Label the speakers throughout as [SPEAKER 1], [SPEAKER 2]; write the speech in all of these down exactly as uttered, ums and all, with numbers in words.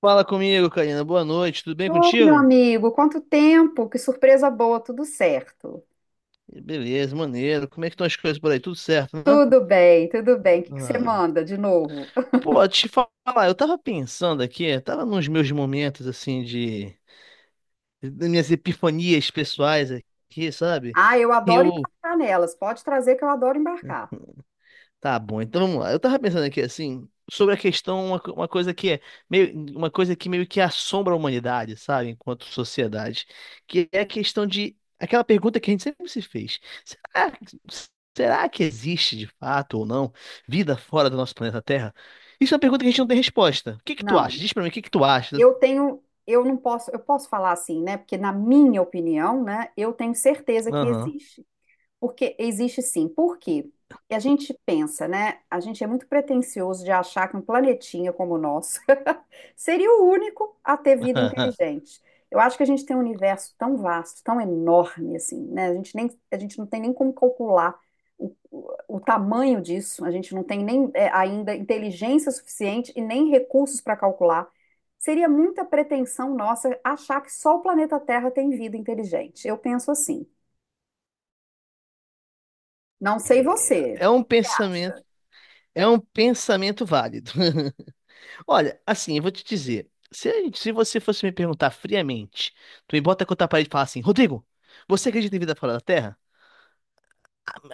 [SPEAKER 1] Fala comigo, Karina. Boa noite. Tudo bem
[SPEAKER 2] Ô, meu
[SPEAKER 1] contigo?
[SPEAKER 2] amigo, quanto tempo! Que surpresa boa, tudo certo.
[SPEAKER 1] Beleza, maneiro. Como é que estão as coisas por aí? Tudo certo, né?
[SPEAKER 2] Tudo bem, tudo bem. O que que você
[SPEAKER 1] Ah,
[SPEAKER 2] manda de novo?
[SPEAKER 1] pô, te falar, eu tava pensando aqui, tava nos meus momentos assim de, das minhas epifanias pessoais aqui, sabe?
[SPEAKER 2] Ah, eu adoro
[SPEAKER 1] Eu
[SPEAKER 2] embarcar nelas. Pode trazer que eu adoro embarcar.
[SPEAKER 1] Tá bom, então vamos lá. Eu tava pensando aqui assim, sobre a questão, uma, co- uma coisa que é meio, uma coisa que meio que assombra a humanidade, sabe, enquanto sociedade, que é a questão de aquela pergunta que a gente sempre se fez. Será, será que existe de fato ou não vida fora do nosso planeta Terra? Isso é uma pergunta que a gente não tem resposta. O que que tu acha?
[SPEAKER 2] Não,
[SPEAKER 1] Diz pra mim, o que que tu acha?
[SPEAKER 2] eu tenho, eu não posso, eu posso falar assim, né? Porque na minha opinião, né, eu tenho certeza que
[SPEAKER 1] Aham.
[SPEAKER 2] existe. Porque existe sim. Por quê? E a gente pensa, né? A gente é muito pretensioso de achar que um planetinha como o nosso seria o único a ter vida inteligente. Eu acho que a gente tem um universo tão vasto, tão enorme assim, né? A gente nem, a gente não tem nem como calcular o, o, o tamanho disso. A gente não tem nem é, ainda inteligência suficiente e nem recursos para calcular. Seria muita pretensão nossa achar que só o planeta Terra tem vida inteligente. Eu penso assim. Não sei você,
[SPEAKER 1] É
[SPEAKER 2] o
[SPEAKER 1] um
[SPEAKER 2] que que você
[SPEAKER 1] pensamento,
[SPEAKER 2] acha?
[SPEAKER 1] é um pensamento válido. Olha, assim, eu vou te dizer. Se, a gente- se você fosse me perguntar friamente, tu me bota contra a parede e fala assim, Rodrigo, você acredita em vida fora da Terra?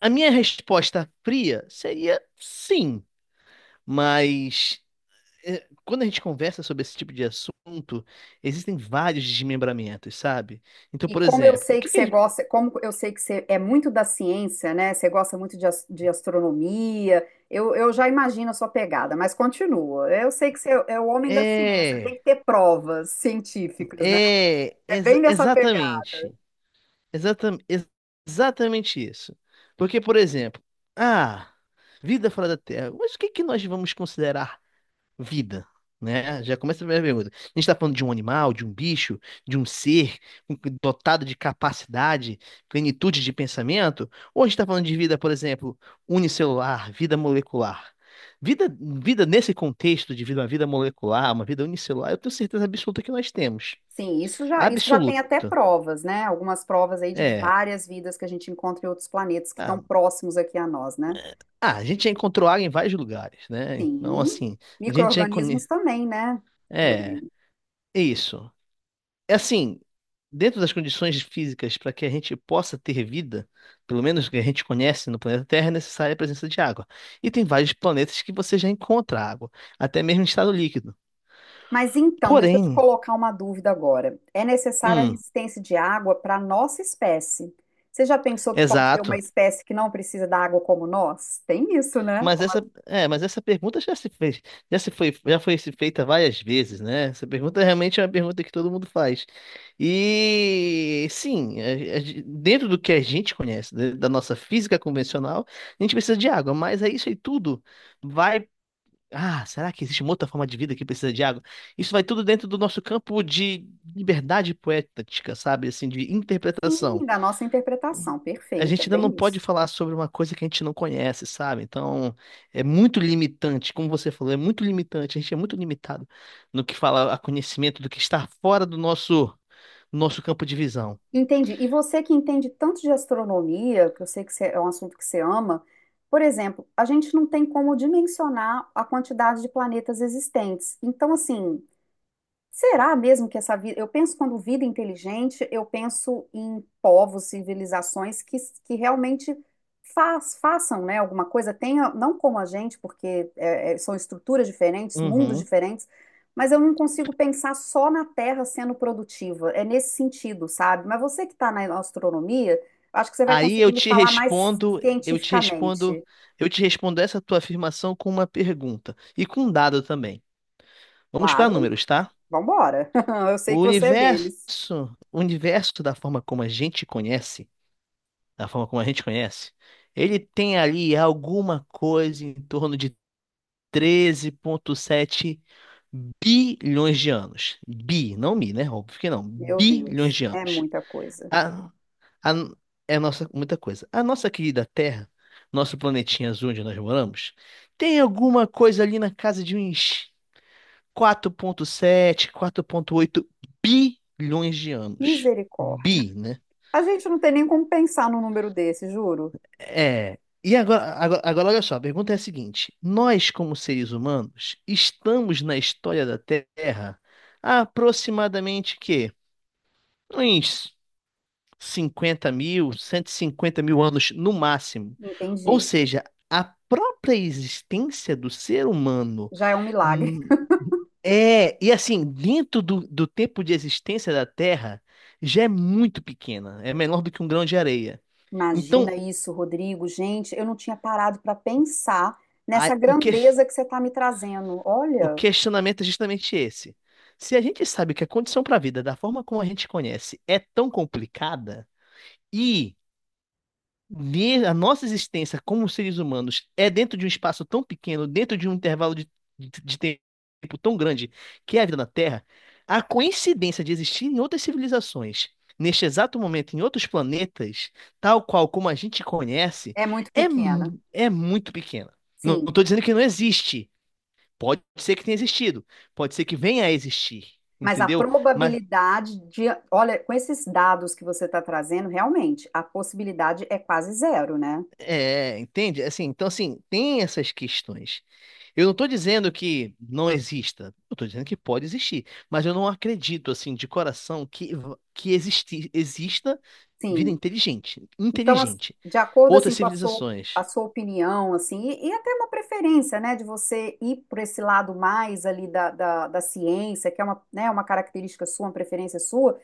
[SPEAKER 1] A minha resposta fria seria sim, mas eh, quando a gente conversa sobre esse tipo de assunto, existem vários desmembramentos, sabe? Então,
[SPEAKER 2] E
[SPEAKER 1] por
[SPEAKER 2] como eu
[SPEAKER 1] exemplo, o
[SPEAKER 2] sei que
[SPEAKER 1] que que a
[SPEAKER 2] você
[SPEAKER 1] gente-
[SPEAKER 2] gosta, como eu sei que você é muito da ciência, né? Você gosta muito de, as- de astronomia, eu, eu já imagino a sua pegada, mas continua. Eu sei que você é é o homem da ciência, tem
[SPEAKER 1] É,
[SPEAKER 2] que ter provas científicas, né?
[SPEAKER 1] é,
[SPEAKER 2] É bem
[SPEAKER 1] ex-
[SPEAKER 2] nessa pegada.
[SPEAKER 1] exatamente. Exatam, ex- exatamente isso. Porque, por exemplo, ah, vida fora da Terra. Mas o que que nós vamos considerar vida? Né? Já começa a primeira pergunta. A gente está falando de um animal, de um bicho, de um ser com- dotado de capacidade, plenitude de pensamento? Ou a gente está falando de vida, por exemplo, unicelular, vida molecular? Vida, vida nesse contexto de vida, uma vida molecular, uma vida unicelular, eu tenho certeza absoluta que nós temos.
[SPEAKER 2] Sim, isso já, isso já tem até
[SPEAKER 1] Absoluta.
[SPEAKER 2] provas, né? Algumas provas aí de
[SPEAKER 1] É.
[SPEAKER 2] várias vidas que a gente encontra em outros planetas que estão
[SPEAKER 1] Ah,
[SPEAKER 2] próximos aqui a nós, né?
[SPEAKER 1] Ah, a gente já encontrou água em vários lugares, né? Então,
[SPEAKER 2] Sim,
[SPEAKER 1] assim, a gente já
[SPEAKER 2] micro-organismos
[SPEAKER 1] conhece.
[SPEAKER 2] também, né,
[SPEAKER 1] É,
[SPEAKER 2] Rodrigo?
[SPEAKER 1] é isso. É assim, dentro das condições físicas para que a gente possa ter vida, pelo menos que a gente conhece no planeta Terra, é necessária a presença de água. E tem vários planetas que você já encontra água, até mesmo em estado líquido.
[SPEAKER 2] Mas então, deixa eu te
[SPEAKER 1] Porém,
[SPEAKER 2] colocar uma dúvida agora. É necessária a
[SPEAKER 1] hum,
[SPEAKER 2] resistência de água para a nossa espécie. Você já pensou que pode ter uma
[SPEAKER 1] exato.
[SPEAKER 2] espécie que não precisa da água como nós? Tem isso, né?
[SPEAKER 1] Mas essa, é, mas essa pergunta já se fez, já se foi, já foi se feita várias vezes, né? Essa pergunta realmente é uma pergunta que todo mundo faz. E sim, a- a gen- dentro do que a gente conhece, né, da nossa física convencional, a gente precisa de água, mas é isso aí tudo vai. Ah, será que existe uma outra forma de vida que precisa de água? Isso vai tudo dentro do nosso campo de liberdade poética, sabe? Assim, de
[SPEAKER 2] Sim,
[SPEAKER 1] interpretação
[SPEAKER 2] da nossa interpretação.
[SPEAKER 1] a
[SPEAKER 2] Perfeito, é
[SPEAKER 1] gente ainda não
[SPEAKER 2] bem
[SPEAKER 1] pode
[SPEAKER 2] isso.
[SPEAKER 1] falar sobre uma coisa que a gente não conhece, sabe? Então, é muito limitante, como você falou, é muito limitante. A gente é muito limitado no que fala a conhecimento do que está fora do nosso nosso campo de visão.
[SPEAKER 2] Entendi. E você que entende tanto de astronomia, que eu sei que você- é um assunto que você ama, por exemplo, a gente não tem como dimensionar a quantidade de planetas existentes. Então, assim, será mesmo que essa vida. Eu penso quando vida inteligente, eu penso em povos, civilizações que, que realmente faz, façam, né, alguma coisa, tenha, não como a gente, porque é, é, são estruturas diferentes, mundos
[SPEAKER 1] Uhum.
[SPEAKER 2] diferentes, mas eu não consigo pensar só na Terra sendo produtiva. É nesse sentido, sabe? Mas você que está na astronomia, acho que você vai
[SPEAKER 1] Aí
[SPEAKER 2] conseguir
[SPEAKER 1] eu
[SPEAKER 2] me
[SPEAKER 1] te
[SPEAKER 2] falar mais
[SPEAKER 1] respondo, eu te respondo,
[SPEAKER 2] cientificamente.
[SPEAKER 1] eu te respondo essa tua afirmação com uma pergunta e com um dado também. Vamos para
[SPEAKER 2] Claro,
[SPEAKER 1] números, tá?
[SPEAKER 2] vambora. Eu sei
[SPEAKER 1] O
[SPEAKER 2] que você é
[SPEAKER 1] universo,
[SPEAKER 2] deles.
[SPEAKER 1] o universo da forma como a gente conhece da forma como a gente conhece, ele tem ali alguma coisa em torno de treze vírgula sete bilhões de anos. Bi, não mi, né? Óbvio que não.
[SPEAKER 2] Meu
[SPEAKER 1] Bilhões
[SPEAKER 2] Deus,
[SPEAKER 1] de
[SPEAKER 2] é
[SPEAKER 1] anos.
[SPEAKER 2] muita coisa.
[SPEAKER 1] A, a, é nossa, muita coisa. A nossa querida Terra, nosso planetinha azul onde nós moramos, tem alguma coisa ali na casa de uns quatro vírgula sete, oito bilhões de anos.
[SPEAKER 2] Misericórdia.
[SPEAKER 1] Bi, né?
[SPEAKER 2] A gente não tem nem como pensar num número desse, juro.
[SPEAKER 1] É. E agora, agora, agora, olha só, a pergunta é a seguinte: nós, como seres humanos, estamos na história da Terra há aproximadamente que uns cinquenta mil, cento e cinquenta mil anos no máximo. Ou
[SPEAKER 2] Entendi.
[SPEAKER 1] seja, a própria existência do ser humano
[SPEAKER 2] Já é um milagre.
[SPEAKER 1] hum, é, e assim, dentro do, do tempo de existência da Terra, já é muito pequena, é menor do que um grão de areia. Então,
[SPEAKER 2] Imagina isso, Rodrigo. Gente, eu não tinha parado para pensar nessa
[SPEAKER 1] a- o que,
[SPEAKER 2] grandeza que você está me trazendo.
[SPEAKER 1] o
[SPEAKER 2] Olha,
[SPEAKER 1] questionamento é justamente esse. Se a gente sabe que a condição para a vida, da forma como a gente conhece, é tão complicada, e ne- a nossa existência como seres humanos é dentro de um espaço tão pequeno, dentro de um intervalo de, de, de tempo tão grande, que é a vida na Terra, a coincidência de existir em outras civilizações, neste exato momento, em outros planetas, tal qual como a gente conhece,
[SPEAKER 2] é muito
[SPEAKER 1] é,
[SPEAKER 2] pequena.
[SPEAKER 1] mu- é muito pequena. Não
[SPEAKER 2] Sim,
[SPEAKER 1] estou dizendo que não existe. Pode ser que tenha existido, pode ser que venha a existir,
[SPEAKER 2] mas a
[SPEAKER 1] entendeu? Mas,
[SPEAKER 2] probabilidade de, olha, com esses dados que você está trazendo, realmente, a possibilidade é quase zero, né?
[SPEAKER 1] é, entende? Assim, então, assim, tem essas questões. Eu não estou dizendo que não exista, eu estou dizendo que pode existir, mas eu não acredito, assim, de coração que, que existi, exista vida
[SPEAKER 2] Sim.
[SPEAKER 1] inteligente,
[SPEAKER 2] Então, assim,
[SPEAKER 1] inteligente.
[SPEAKER 2] de acordo assim
[SPEAKER 1] Outras
[SPEAKER 2] com a sua, a
[SPEAKER 1] civilizações.
[SPEAKER 2] sua opinião, assim, e, e até uma preferência, né, de você ir por esse lado mais ali da, da, da ciência, que é uma, né, uma característica sua, uma preferência sua,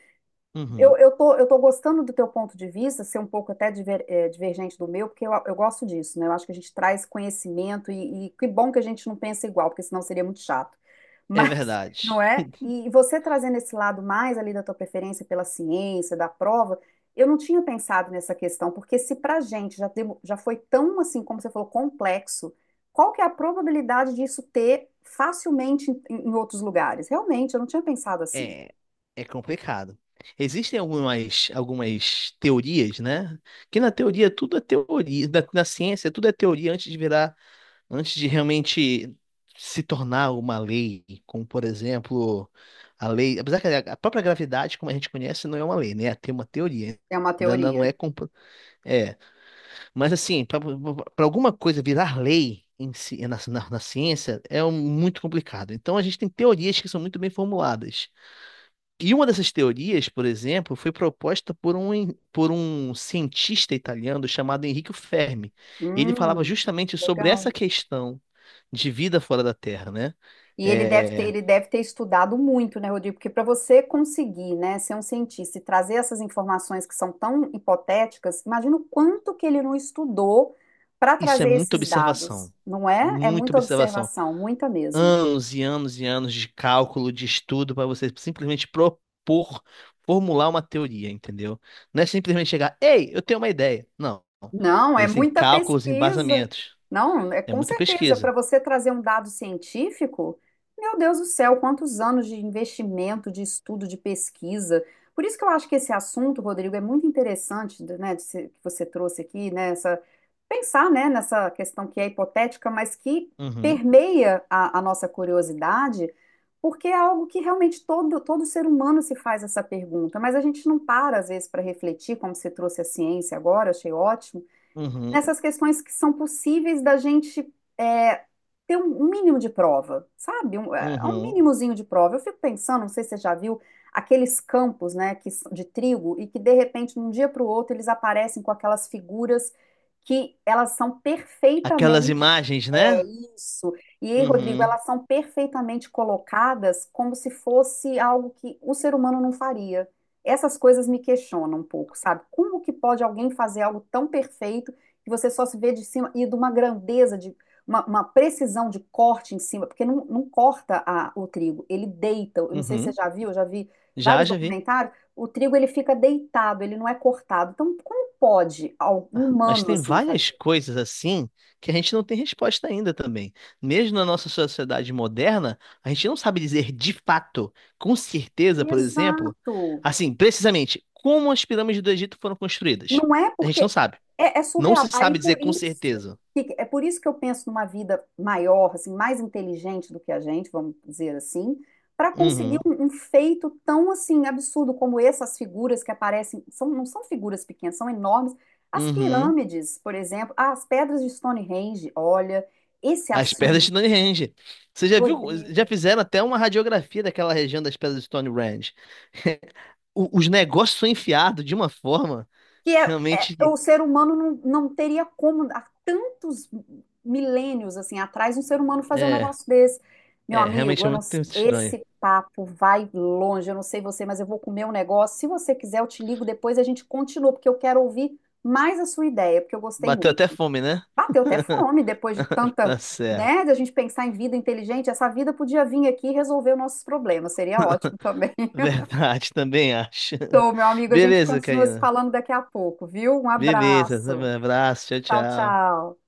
[SPEAKER 2] eu,
[SPEAKER 1] Uhum,
[SPEAKER 2] eu tô, eu tô gostando do teu ponto de vista, ser um pouco até diver- eh, divergente do meu, porque eu, eu gosto disso, né? Eu acho que a gente traz conhecimento e, e que bom que a gente não pensa igual, porque senão seria muito chato.
[SPEAKER 1] é
[SPEAKER 2] Mas, não
[SPEAKER 1] verdade.
[SPEAKER 2] é? E você trazendo esse lado mais ali da tua preferência pela ciência, da prova, eu não tinha pensado nessa questão, porque se pra gente já, demo- já foi tão, assim, como você falou, complexo, qual que é a probabilidade disso ter facilmente em, em outros lugares? Realmente, eu não tinha pensado assim.
[SPEAKER 1] É, é complicado. Existem algumas, algumas teorias, né? Que na teoria tudo é teoria, da- na ciência tudo é teoria antes de virar, antes de realmente se tornar uma lei, como por exemplo, a lei, apesar que a própria gravidade, como a gente conhece, não é uma lei, né? Tem uma teoria,
[SPEAKER 2] É uma
[SPEAKER 1] ainda ainda não
[SPEAKER 2] teoria.
[SPEAKER 1] é, compro- é, mas assim, para alguma coisa virar lei em si, na, na na ciência é um- muito complicado. Então a gente tem teorias que são muito bem formuladas. E uma dessas teorias, por exemplo, foi proposta por um, en- por um cientista italiano chamado Enrico Fermi. Ele falava
[SPEAKER 2] Hum,
[SPEAKER 1] justamente sobre
[SPEAKER 2] legal.
[SPEAKER 1] essa questão de vida fora da Terra, né?
[SPEAKER 2] E ele deve ter,
[SPEAKER 1] É,
[SPEAKER 2] ele deve ter estudado muito, né, Rodrigo? Porque para você conseguir, né, ser um cientista e trazer essas informações que são tão hipotéticas, imagina o quanto que ele não estudou para
[SPEAKER 1] isso é
[SPEAKER 2] trazer
[SPEAKER 1] muita
[SPEAKER 2] esses dados,
[SPEAKER 1] observação,
[SPEAKER 2] não é? É
[SPEAKER 1] muita
[SPEAKER 2] muita
[SPEAKER 1] observação.
[SPEAKER 2] observação, muita mesmo.
[SPEAKER 1] Anos e anos e anos de cálculo, de estudo, para você simplesmente propor, formular uma teoria, entendeu? Não é simplesmente chegar, ei, eu tenho uma ideia. Não.
[SPEAKER 2] Não, é
[SPEAKER 1] Eles têm
[SPEAKER 2] muita
[SPEAKER 1] cálculos,
[SPEAKER 2] pesquisa.
[SPEAKER 1] embasamentos.
[SPEAKER 2] Não, é
[SPEAKER 1] É
[SPEAKER 2] com
[SPEAKER 1] muita
[SPEAKER 2] certeza. Para
[SPEAKER 1] pesquisa.
[SPEAKER 2] você trazer um dado científico, meu Deus do céu, quantos anos de investimento, de estudo, de pesquisa. Por isso que eu acho que esse assunto, Rodrigo, é muito interessante, né, de se- que você trouxe aqui, né, essa- pensar, né, nessa questão que é hipotética, mas que
[SPEAKER 1] Uhum.
[SPEAKER 2] permeia a, a nossa curiosidade, porque é algo que realmente todo, todo ser humano se faz essa pergunta, mas a gente não para, às vezes, para refletir, como você trouxe a ciência agora, achei ótimo
[SPEAKER 1] Uhum,
[SPEAKER 2] nessas questões que são possíveis da gente é, ter um, um mínimo de prova, sabe? Um, é, um
[SPEAKER 1] uhum.
[SPEAKER 2] mínimozinho de prova. Eu fico pensando, não sei se você já viu, aqueles campos, né, que, s- de trigo e que de repente, de um dia para o outro, eles aparecem com aquelas figuras que elas são
[SPEAKER 1] Aquelas
[SPEAKER 2] perfeitamente.
[SPEAKER 1] imagens,
[SPEAKER 2] É
[SPEAKER 1] né?
[SPEAKER 2] isso. E aí, Rodrigo,
[SPEAKER 1] Uhum,
[SPEAKER 2] elas são perfeitamente colocadas como se fosse algo que o ser humano não faria. Essas coisas me questionam um pouco, sabe? Como que pode alguém fazer algo tão perfeito? Que você só se vê de cima e de uma grandeza, de uma, uma precisão de corte em cima, porque não, não corta a- o trigo, ele deita. Eu não sei se você
[SPEAKER 1] uhum.
[SPEAKER 2] já viu, eu já vi
[SPEAKER 1] Já,
[SPEAKER 2] vários
[SPEAKER 1] já vi.
[SPEAKER 2] documentários, o trigo ele fica deitado, ele não é cortado. Então, como pode algum
[SPEAKER 1] Ah, mas
[SPEAKER 2] humano
[SPEAKER 1] tem
[SPEAKER 2] assim
[SPEAKER 1] várias
[SPEAKER 2] fazer?
[SPEAKER 1] coisas assim que a gente não tem resposta ainda também. Mesmo na nossa sociedade moderna, a gente não sabe dizer de fato, com certeza, por exemplo,
[SPEAKER 2] Exato.
[SPEAKER 1] assim, precisamente, como as pirâmides do Egito foram construídas.
[SPEAKER 2] Não é
[SPEAKER 1] A gente não
[SPEAKER 2] porque
[SPEAKER 1] sabe.
[SPEAKER 2] é, é
[SPEAKER 1] Não
[SPEAKER 2] surreal.
[SPEAKER 1] se
[SPEAKER 2] Aí
[SPEAKER 1] sabe dizer
[SPEAKER 2] por
[SPEAKER 1] com
[SPEAKER 2] isso
[SPEAKER 1] certeza.
[SPEAKER 2] que- É por isso que eu penso numa vida maior, assim, mais inteligente do que a gente, vamos dizer assim, para conseguir
[SPEAKER 1] Uhum,
[SPEAKER 2] um, um feito tão assim absurdo como essas figuras que aparecem, são, não são figuras pequenas, são enormes. As
[SPEAKER 1] uhum.
[SPEAKER 2] pirâmides, por exemplo, ah, as pedras de Stonehenge, olha, esse
[SPEAKER 1] As pedras
[SPEAKER 2] assunto,
[SPEAKER 1] de Stonehenge. Você já viu? Já
[SPEAKER 2] Rodrigo.
[SPEAKER 1] fizeram até uma radiografia daquela região das pedras de Stonehenge. O- os negócios são enfiados de uma forma
[SPEAKER 2] Que
[SPEAKER 1] que
[SPEAKER 2] é,
[SPEAKER 1] realmente
[SPEAKER 2] é-
[SPEAKER 1] que-
[SPEAKER 2] o ser humano não, não teria como, há tantos milênios assim atrás, um ser humano fazer um
[SPEAKER 1] é,
[SPEAKER 2] negócio desse. Meu
[SPEAKER 1] é, realmente
[SPEAKER 2] amigo,
[SPEAKER 1] é
[SPEAKER 2] eu não-
[SPEAKER 1] muito estranho.
[SPEAKER 2] esse papo vai longe, eu não sei você, mas eu vou comer um negócio. Se você quiser, eu te ligo depois e a gente continua, porque eu quero ouvir mais a sua ideia, porque eu gostei
[SPEAKER 1] Bateu
[SPEAKER 2] muito.
[SPEAKER 1] até fome, né?
[SPEAKER 2] Bateu até fome depois de tanta,
[SPEAKER 1] Tá certo.
[SPEAKER 2] né, da gente pensar em vida inteligente. Essa vida podia vir aqui e resolver os nossos problemas, seria ótimo também.
[SPEAKER 1] Verdade, também acho.
[SPEAKER 2] Então, meu amigo, a gente
[SPEAKER 1] Beleza,
[SPEAKER 2] continua se
[SPEAKER 1] Karina.
[SPEAKER 2] falando daqui a pouco, viu? Um
[SPEAKER 1] Beleza. um
[SPEAKER 2] abraço.
[SPEAKER 1] abraço, tchau,
[SPEAKER 2] Tchau,
[SPEAKER 1] tchau.
[SPEAKER 2] tchau.